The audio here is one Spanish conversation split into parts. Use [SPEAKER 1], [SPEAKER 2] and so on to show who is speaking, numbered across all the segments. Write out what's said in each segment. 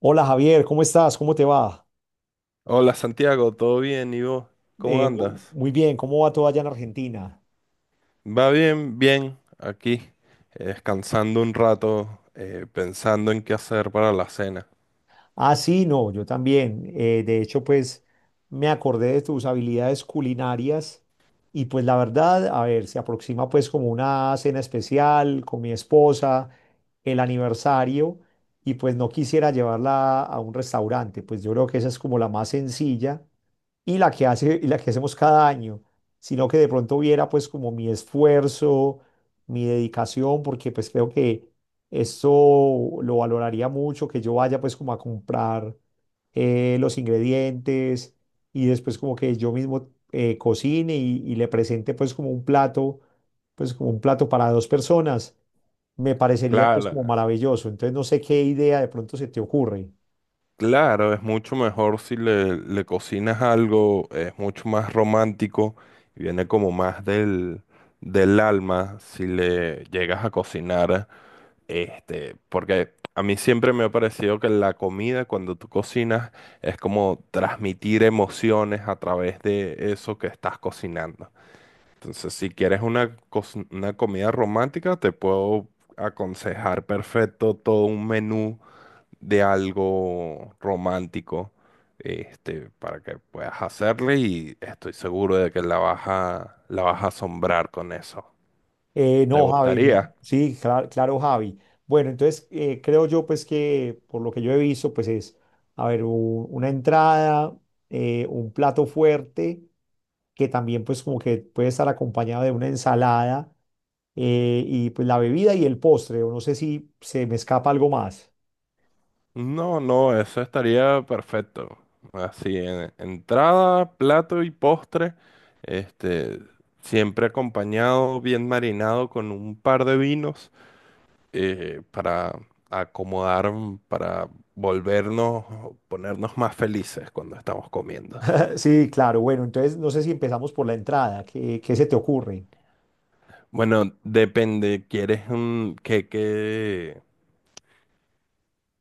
[SPEAKER 1] Hola Javier, ¿cómo estás? ¿Cómo te va?
[SPEAKER 2] Hola Santiago, ¿todo bien? ¿Y vos? ¿Cómo andas?
[SPEAKER 1] Muy bien, ¿cómo va todo allá en Argentina?
[SPEAKER 2] Va bien, bien, aquí, descansando un rato, pensando en qué hacer para la cena.
[SPEAKER 1] Ah, sí, no, yo también. De hecho, pues me acordé de tus habilidades culinarias y pues la verdad, a ver, se aproxima pues como una cena especial con mi esposa, el aniversario y pues no quisiera llevarla a un restaurante, pues yo creo que esa es como la más sencilla y la que hacemos cada año, sino que de pronto viera pues como mi esfuerzo, mi dedicación, porque pues creo que esto lo valoraría mucho, que yo vaya pues como a comprar los ingredientes y después como que yo mismo cocine y le presente pues como un plato, pues como un plato para dos personas, me parecería pues como
[SPEAKER 2] Claro,
[SPEAKER 1] maravilloso. Entonces no sé qué idea de pronto se te ocurre.
[SPEAKER 2] claro, es mucho mejor si le cocinas algo, es mucho más romántico y viene como más del alma si le llegas a cocinar. Este, porque a mí siempre me ha parecido que la comida, cuando tú cocinas, es como transmitir emociones a través de eso que estás cocinando. Entonces, si quieres una comida romántica, te puedo aconsejar perfecto todo un menú de algo romántico, este, para que puedas hacerle y estoy seguro de que la vas a asombrar con eso. ¿Te
[SPEAKER 1] No, Javi, pues,
[SPEAKER 2] gustaría?
[SPEAKER 1] sí, claro, Javi. Bueno, entonces creo yo pues que por lo que yo he visto pues es, a ver, una entrada, un plato fuerte que también pues como que puede estar acompañado de una ensalada y pues la bebida y el postre, o no sé si se me escapa algo más.
[SPEAKER 2] No, no, eso estaría perfecto. Así, entrada, plato y postre, este, siempre acompañado, bien marinado con un par de vinos para acomodar, para volvernos, ponernos más felices cuando estamos comiendo.
[SPEAKER 1] Sí, claro, bueno, entonces no sé si empezamos por la entrada, ¿qué se te ocurre?
[SPEAKER 2] Bueno, depende, ¿quieres un qué,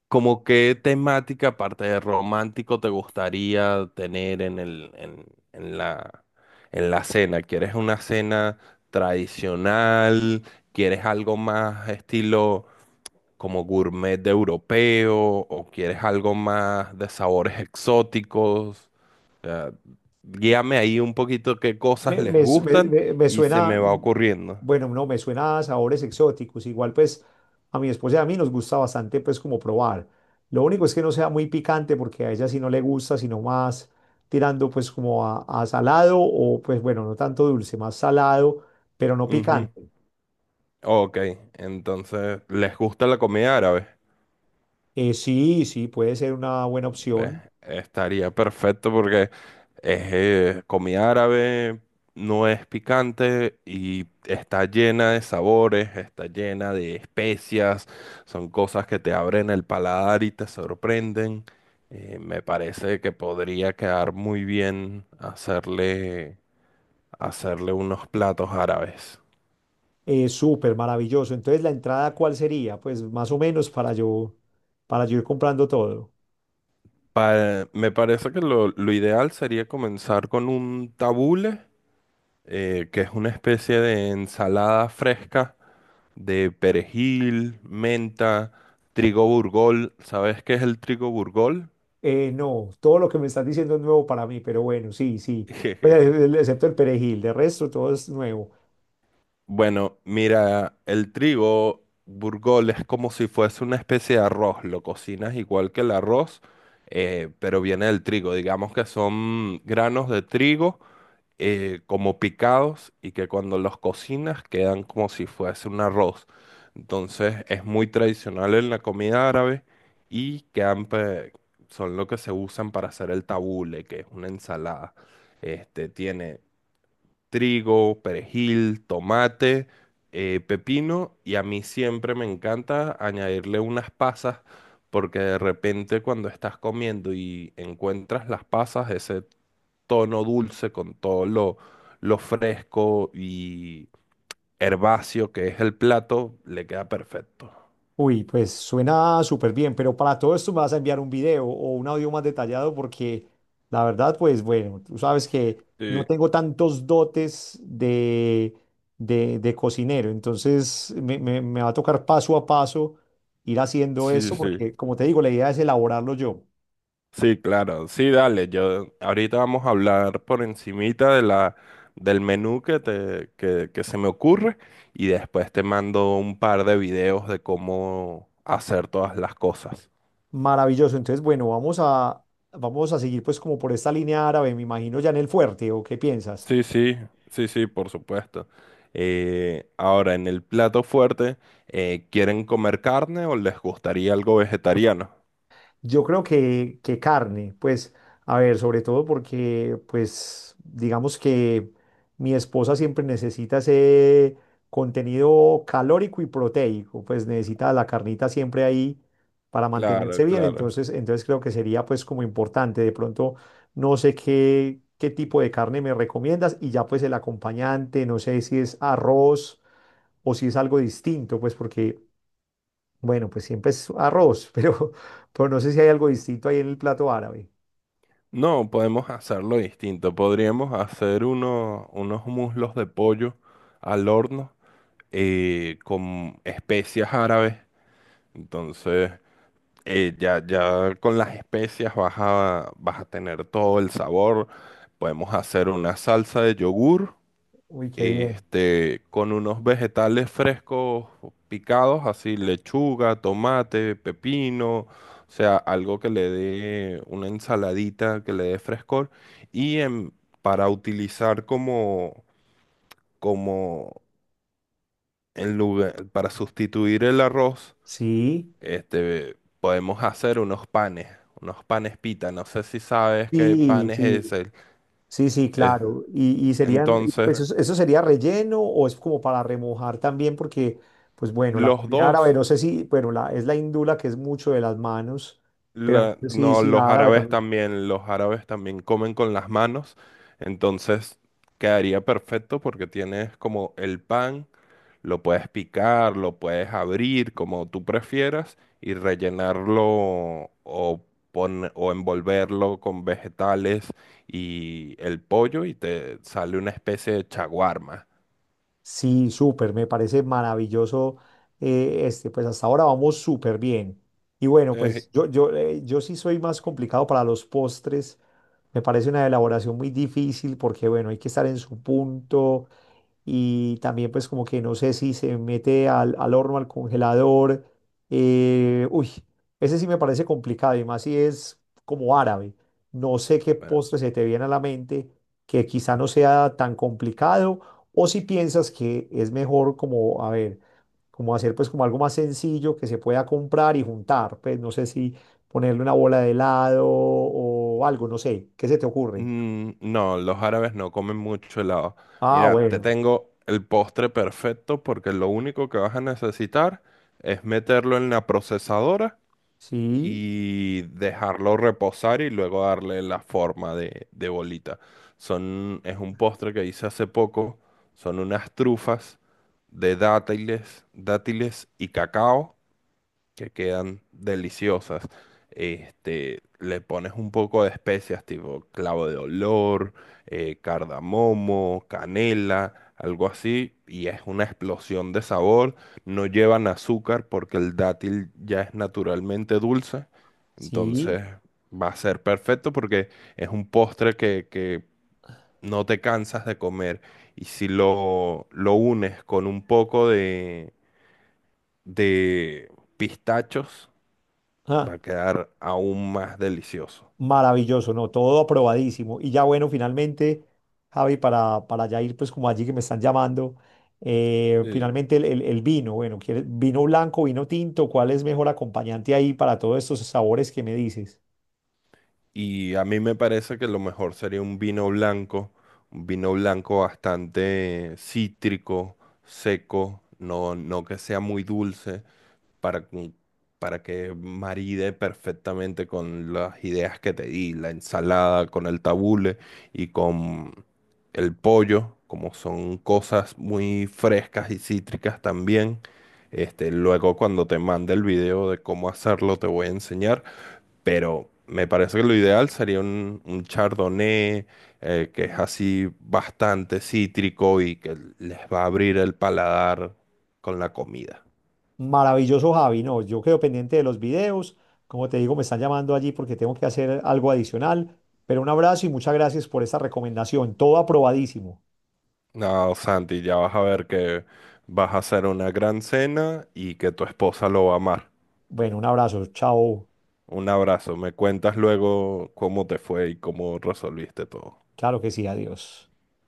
[SPEAKER 2] ¿Como qué temática, aparte de romántico, te gustaría tener en el, en la, en la cena? ¿Quieres una cena tradicional? ¿Quieres algo más estilo como gourmet de europeo? ¿O quieres algo más de sabores exóticos? O sea, guíame ahí un poquito qué cosas
[SPEAKER 1] Me,
[SPEAKER 2] les
[SPEAKER 1] me su- me-
[SPEAKER 2] gustan
[SPEAKER 1] me- me
[SPEAKER 2] y se
[SPEAKER 1] suena,
[SPEAKER 2] me va
[SPEAKER 1] mm,
[SPEAKER 2] ocurriendo.
[SPEAKER 1] bueno, no, me suena a sabores exóticos. Igual pues a mi esposa y a mí nos gusta bastante pues como probar. Lo único es que no sea muy picante porque a ella sí no le gusta, sino más tirando pues como a salado o pues bueno, no tanto dulce, más salado, pero no
[SPEAKER 2] Ujú.
[SPEAKER 1] picante.
[SPEAKER 2] Ok, entonces, ¿les gusta la comida árabe?
[SPEAKER 1] Sí, sí, puede ser una buena
[SPEAKER 2] Eh,
[SPEAKER 1] opción.
[SPEAKER 2] Estaría perfecto porque es comida árabe, no es picante y está llena de sabores, está llena de especias, son cosas que te abren el paladar y te sorprenden. Me parece que podría quedar muy bien hacerle unos platos árabes.
[SPEAKER 1] Súper maravilloso. Entonces, ¿la entrada cuál sería? Pues más o menos para yo ir comprando todo.
[SPEAKER 2] Me parece que lo ideal sería comenzar con un tabule, que es una especie de ensalada fresca de perejil, menta, trigo burgol. ¿Sabes qué es el trigo burgol?
[SPEAKER 1] No, todo lo que me estás diciendo es nuevo para mí, pero bueno, sí, sí. Pues,
[SPEAKER 2] Jejeje.
[SPEAKER 1] excepto el perejil, de resto todo es nuevo.
[SPEAKER 2] Bueno, mira, el trigo burgol es como si fuese una especie de arroz. Lo cocinas igual que el arroz, pero viene del trigo. Digamos que son granos de trigo como picados y que cuando los cocinas quedan como si fuese un arroz. Entonces es muy tradicional en la comida árabe y son lo que se usan para hacer el tabule, que es una ensalada. Este tiene trigo, perejil, tomate, pepino y a mí siempre me encanta añadirle unas pasas. Porque de repente cuando estás comiendo y encuentras las pasas, ese tono dulce, con todo lo fresco y herbáceo que es el plato, le queda perfecto.
[SPEAKER 1] Uy, pues suena súper bien, pero para todo esto me vas a enviar un video o un audio más detallado porque la verdad, pues bueno, tú sabes que no
[SPEAKER 2] Sí,
[SPEAKER 1] tengo tantos dotes de cocinero, entonces me va a tocar paso a paso ir haciendo
[SPEAKER 2] sí,
[SPEAKER 1] esto
[SPEAKER 2] sí.
[SPEAKER 1] porque, como te digo, la idea es elaborarlo yo.
[SPEAKER 2] Sí, claro. Sí, dale. Yo ahorita vamos a hablar por encimita de la del menú que se me ocurre y después te mando un par de videos de cómo hacer todas las cosas.
[SPEAKER 1] Maravilloso. Entonces, bueno, vamos a seguir pues como por esta línea árabe, me imagino, ya en el fuerte, ¿o qué piensas?
[SPEAKER 2] Sí, sí, sí, sí, por supuesto. Ahora, en el plato fuerte, ¿quieren comer carne o les gustaría algo vegetariano?
[SPEAKER 1] Yo creo que carne, pues, a ver, sobre todo porque, pues, digamos que mi esposa siempre necesita ese contenido calórico y proteico, pues necesita la carnita siempre ahí para
[SPEAKER 2] Claro,
[SPEAKER 1] mantenerse bien,
[SPEAKER 2] claro.
[SPEAKER 1] entonces, entonces creo que sería pues como importante, de pronto no sé qué tipo de carne me recomiendas y ya pues el acompañante, no sé si es arroz o si es algo distinto, pues porque bueno, pues siempre es arroz, pero no sé si hay algo distinto ahí en el plato árabe.
[SPEAKER 2] No, podemos hacerlo distinto. Podríamos hacer unos muslos de pollo al horno con especias árabes. Entonces, ya con las especias vas a tener todo el sabor. Podemos hacer una salsa de yogur.
[SPEAKER 1] Uy, qué bien.
[SPEAKER 2] Este, con unos vegetales frescos picados, así lechuga, tomate, pepino, o sea, algo que le dé una ensaladita, que le dé frescor, y en- para utilizar como en lugar, para sustituir el arroz,
[SPEAKER 1] Sí,
[SPEAKER 2] este, podemos hacer unos panes pita, no sé si sabes qué
[SPEAKER 1] sí,
[SPEAKER 2] panes es
[SPEAKER 1] sí, sí, sí,
[SPEAKER 2] es-
[SPEAKER 1] claro. Y serían, y
[SPEAKER 2] entonces,
[SPEAKER 1] pues eso sería relleno o es como para remojar también, porque, pues bueno, la
[SPEAKER 2] los
[SPEAKER 1] comida árabe,
[SPEAKER 2] dos.
[SPEAKER 1] no sé si, bueno, la, es la hindú la que es mucho de las manos, pero no sé si,
[SPEAKER 2] No,
[SPEAKER 1] si la árabe también.
[SPEAKER 2] los árabes también comen con las manos, entonces quedaría perfecto porque tienes como el pan, lo puedes picar, lo puedes abrir como tú prefieras y rellenarlo o, o envolverlo con vegetales y el pollo y te sale una especie de chaguarma.
[SPEAKER 1] Sí, súper, me parece maravilloso este, pues hasta ahora vamos súper bien. Y bueno,
[SPEAKER 2] Eh,
[SPEAKER 1] pues yo sí soy más complicado para los postres, me parece una elaboración muy difícil porque bueno, hay que estar en su punto, y también pues como que no sé si se mete al horno, al congelador. Eh, uy, ese sí me parece complicado y más si es como árabe. No sé qué
[SPEAKER 2] bueno,
[SPEAKER 1] postre se te viene a la mente que quizá no sea tan complicado o si piensas que es mejor como, a ver, como hacer pues como algo más sencillo que se pueda comprar y juntar. Pues no sé si ponerle una bola de helado o algo, no sé, ¿qué se te ocurre?
[SPEAKER 2] Mm, no, los árabes no comen mucho helado.
[SPEAKER 1] Ah,
[SPEAKER 2] Mira, te
[SPEAKER 1] bueno,
[SPEAKER 2] tengo el postre perfecto porque lo único que vas a necesitar es meterlo en la procesadora
[SPEAKER 1] sí,
[SPEAKER 2] y dejarlo reposar y luego darle la forma de bolita. Son, es un postre que hice hace poco. Son unas trufas de dátiles, dátiles y cacao que quedan deliciosas. Este, le pones un poco de especias tipo clavo de olor, cardamomo, canela, algo así, y es una explosión de sabor. No llevan azúcar porque el dátil ya es naturalmente dulce,
[SPEAKER 1] sí.
[SPEAKER 2] entonces va a ser perfecto porque es un postre que no te cansas de comer. Y si lo unes con un poco de pistachos, va a quedar aún más delicioso.
[SPEAKER 1] Maravilloso, ¿no? Todo aprobadísimo. Y ya bueno, finalmente, Javi, para ya ir pues como allí que me están llamando,
[SPEAKER 2] Sí,
[SPEAKER 1] finalmente el vino, bueno, ¿quieres vino blanco, vino tinto? ¿Cuál es mejor acompañante ahí para todos estos sabores que me dices?
[SPEAKER 2] y a mí me parece que lo mejor sería un vino blanco bastante cítrico, seco, no, no que sea muy dulce, para, cu- para que maride perfectamente con las ideas que te di, la ensalada, con el tabule y con el pollo, como son cosas muy frescas y cítricas también. Este, luego cuando te mande el video de cómo hacerlo te voy a enseñar, pero me parece que lo ideal sería un chardonnay que es así bastante cítrico y que les va a abrir el paladar con la comida.
[SPEAKER 1] Maravilloso, Javi, no, yo quedo pendiente de los videos. Como te digo, me están llamando allí porque tengo que hacer algo adicional. Pero un abrazo y muchas gracias por esta recomendación. Todo aprobadísimo.
[SPEAKER 2] No, Santi, ya vas a ver que vas a hacer una gran cena y que tu esposa lo va a amar.
[SPEAKER 1] Bueno, un abrazo. Chao.
[SPEAKER 2] Un abrazo. Me cuentas luego cómo te fue y cómo resolviste todo.
[SPEAKER 1] Claro que sí, adiós.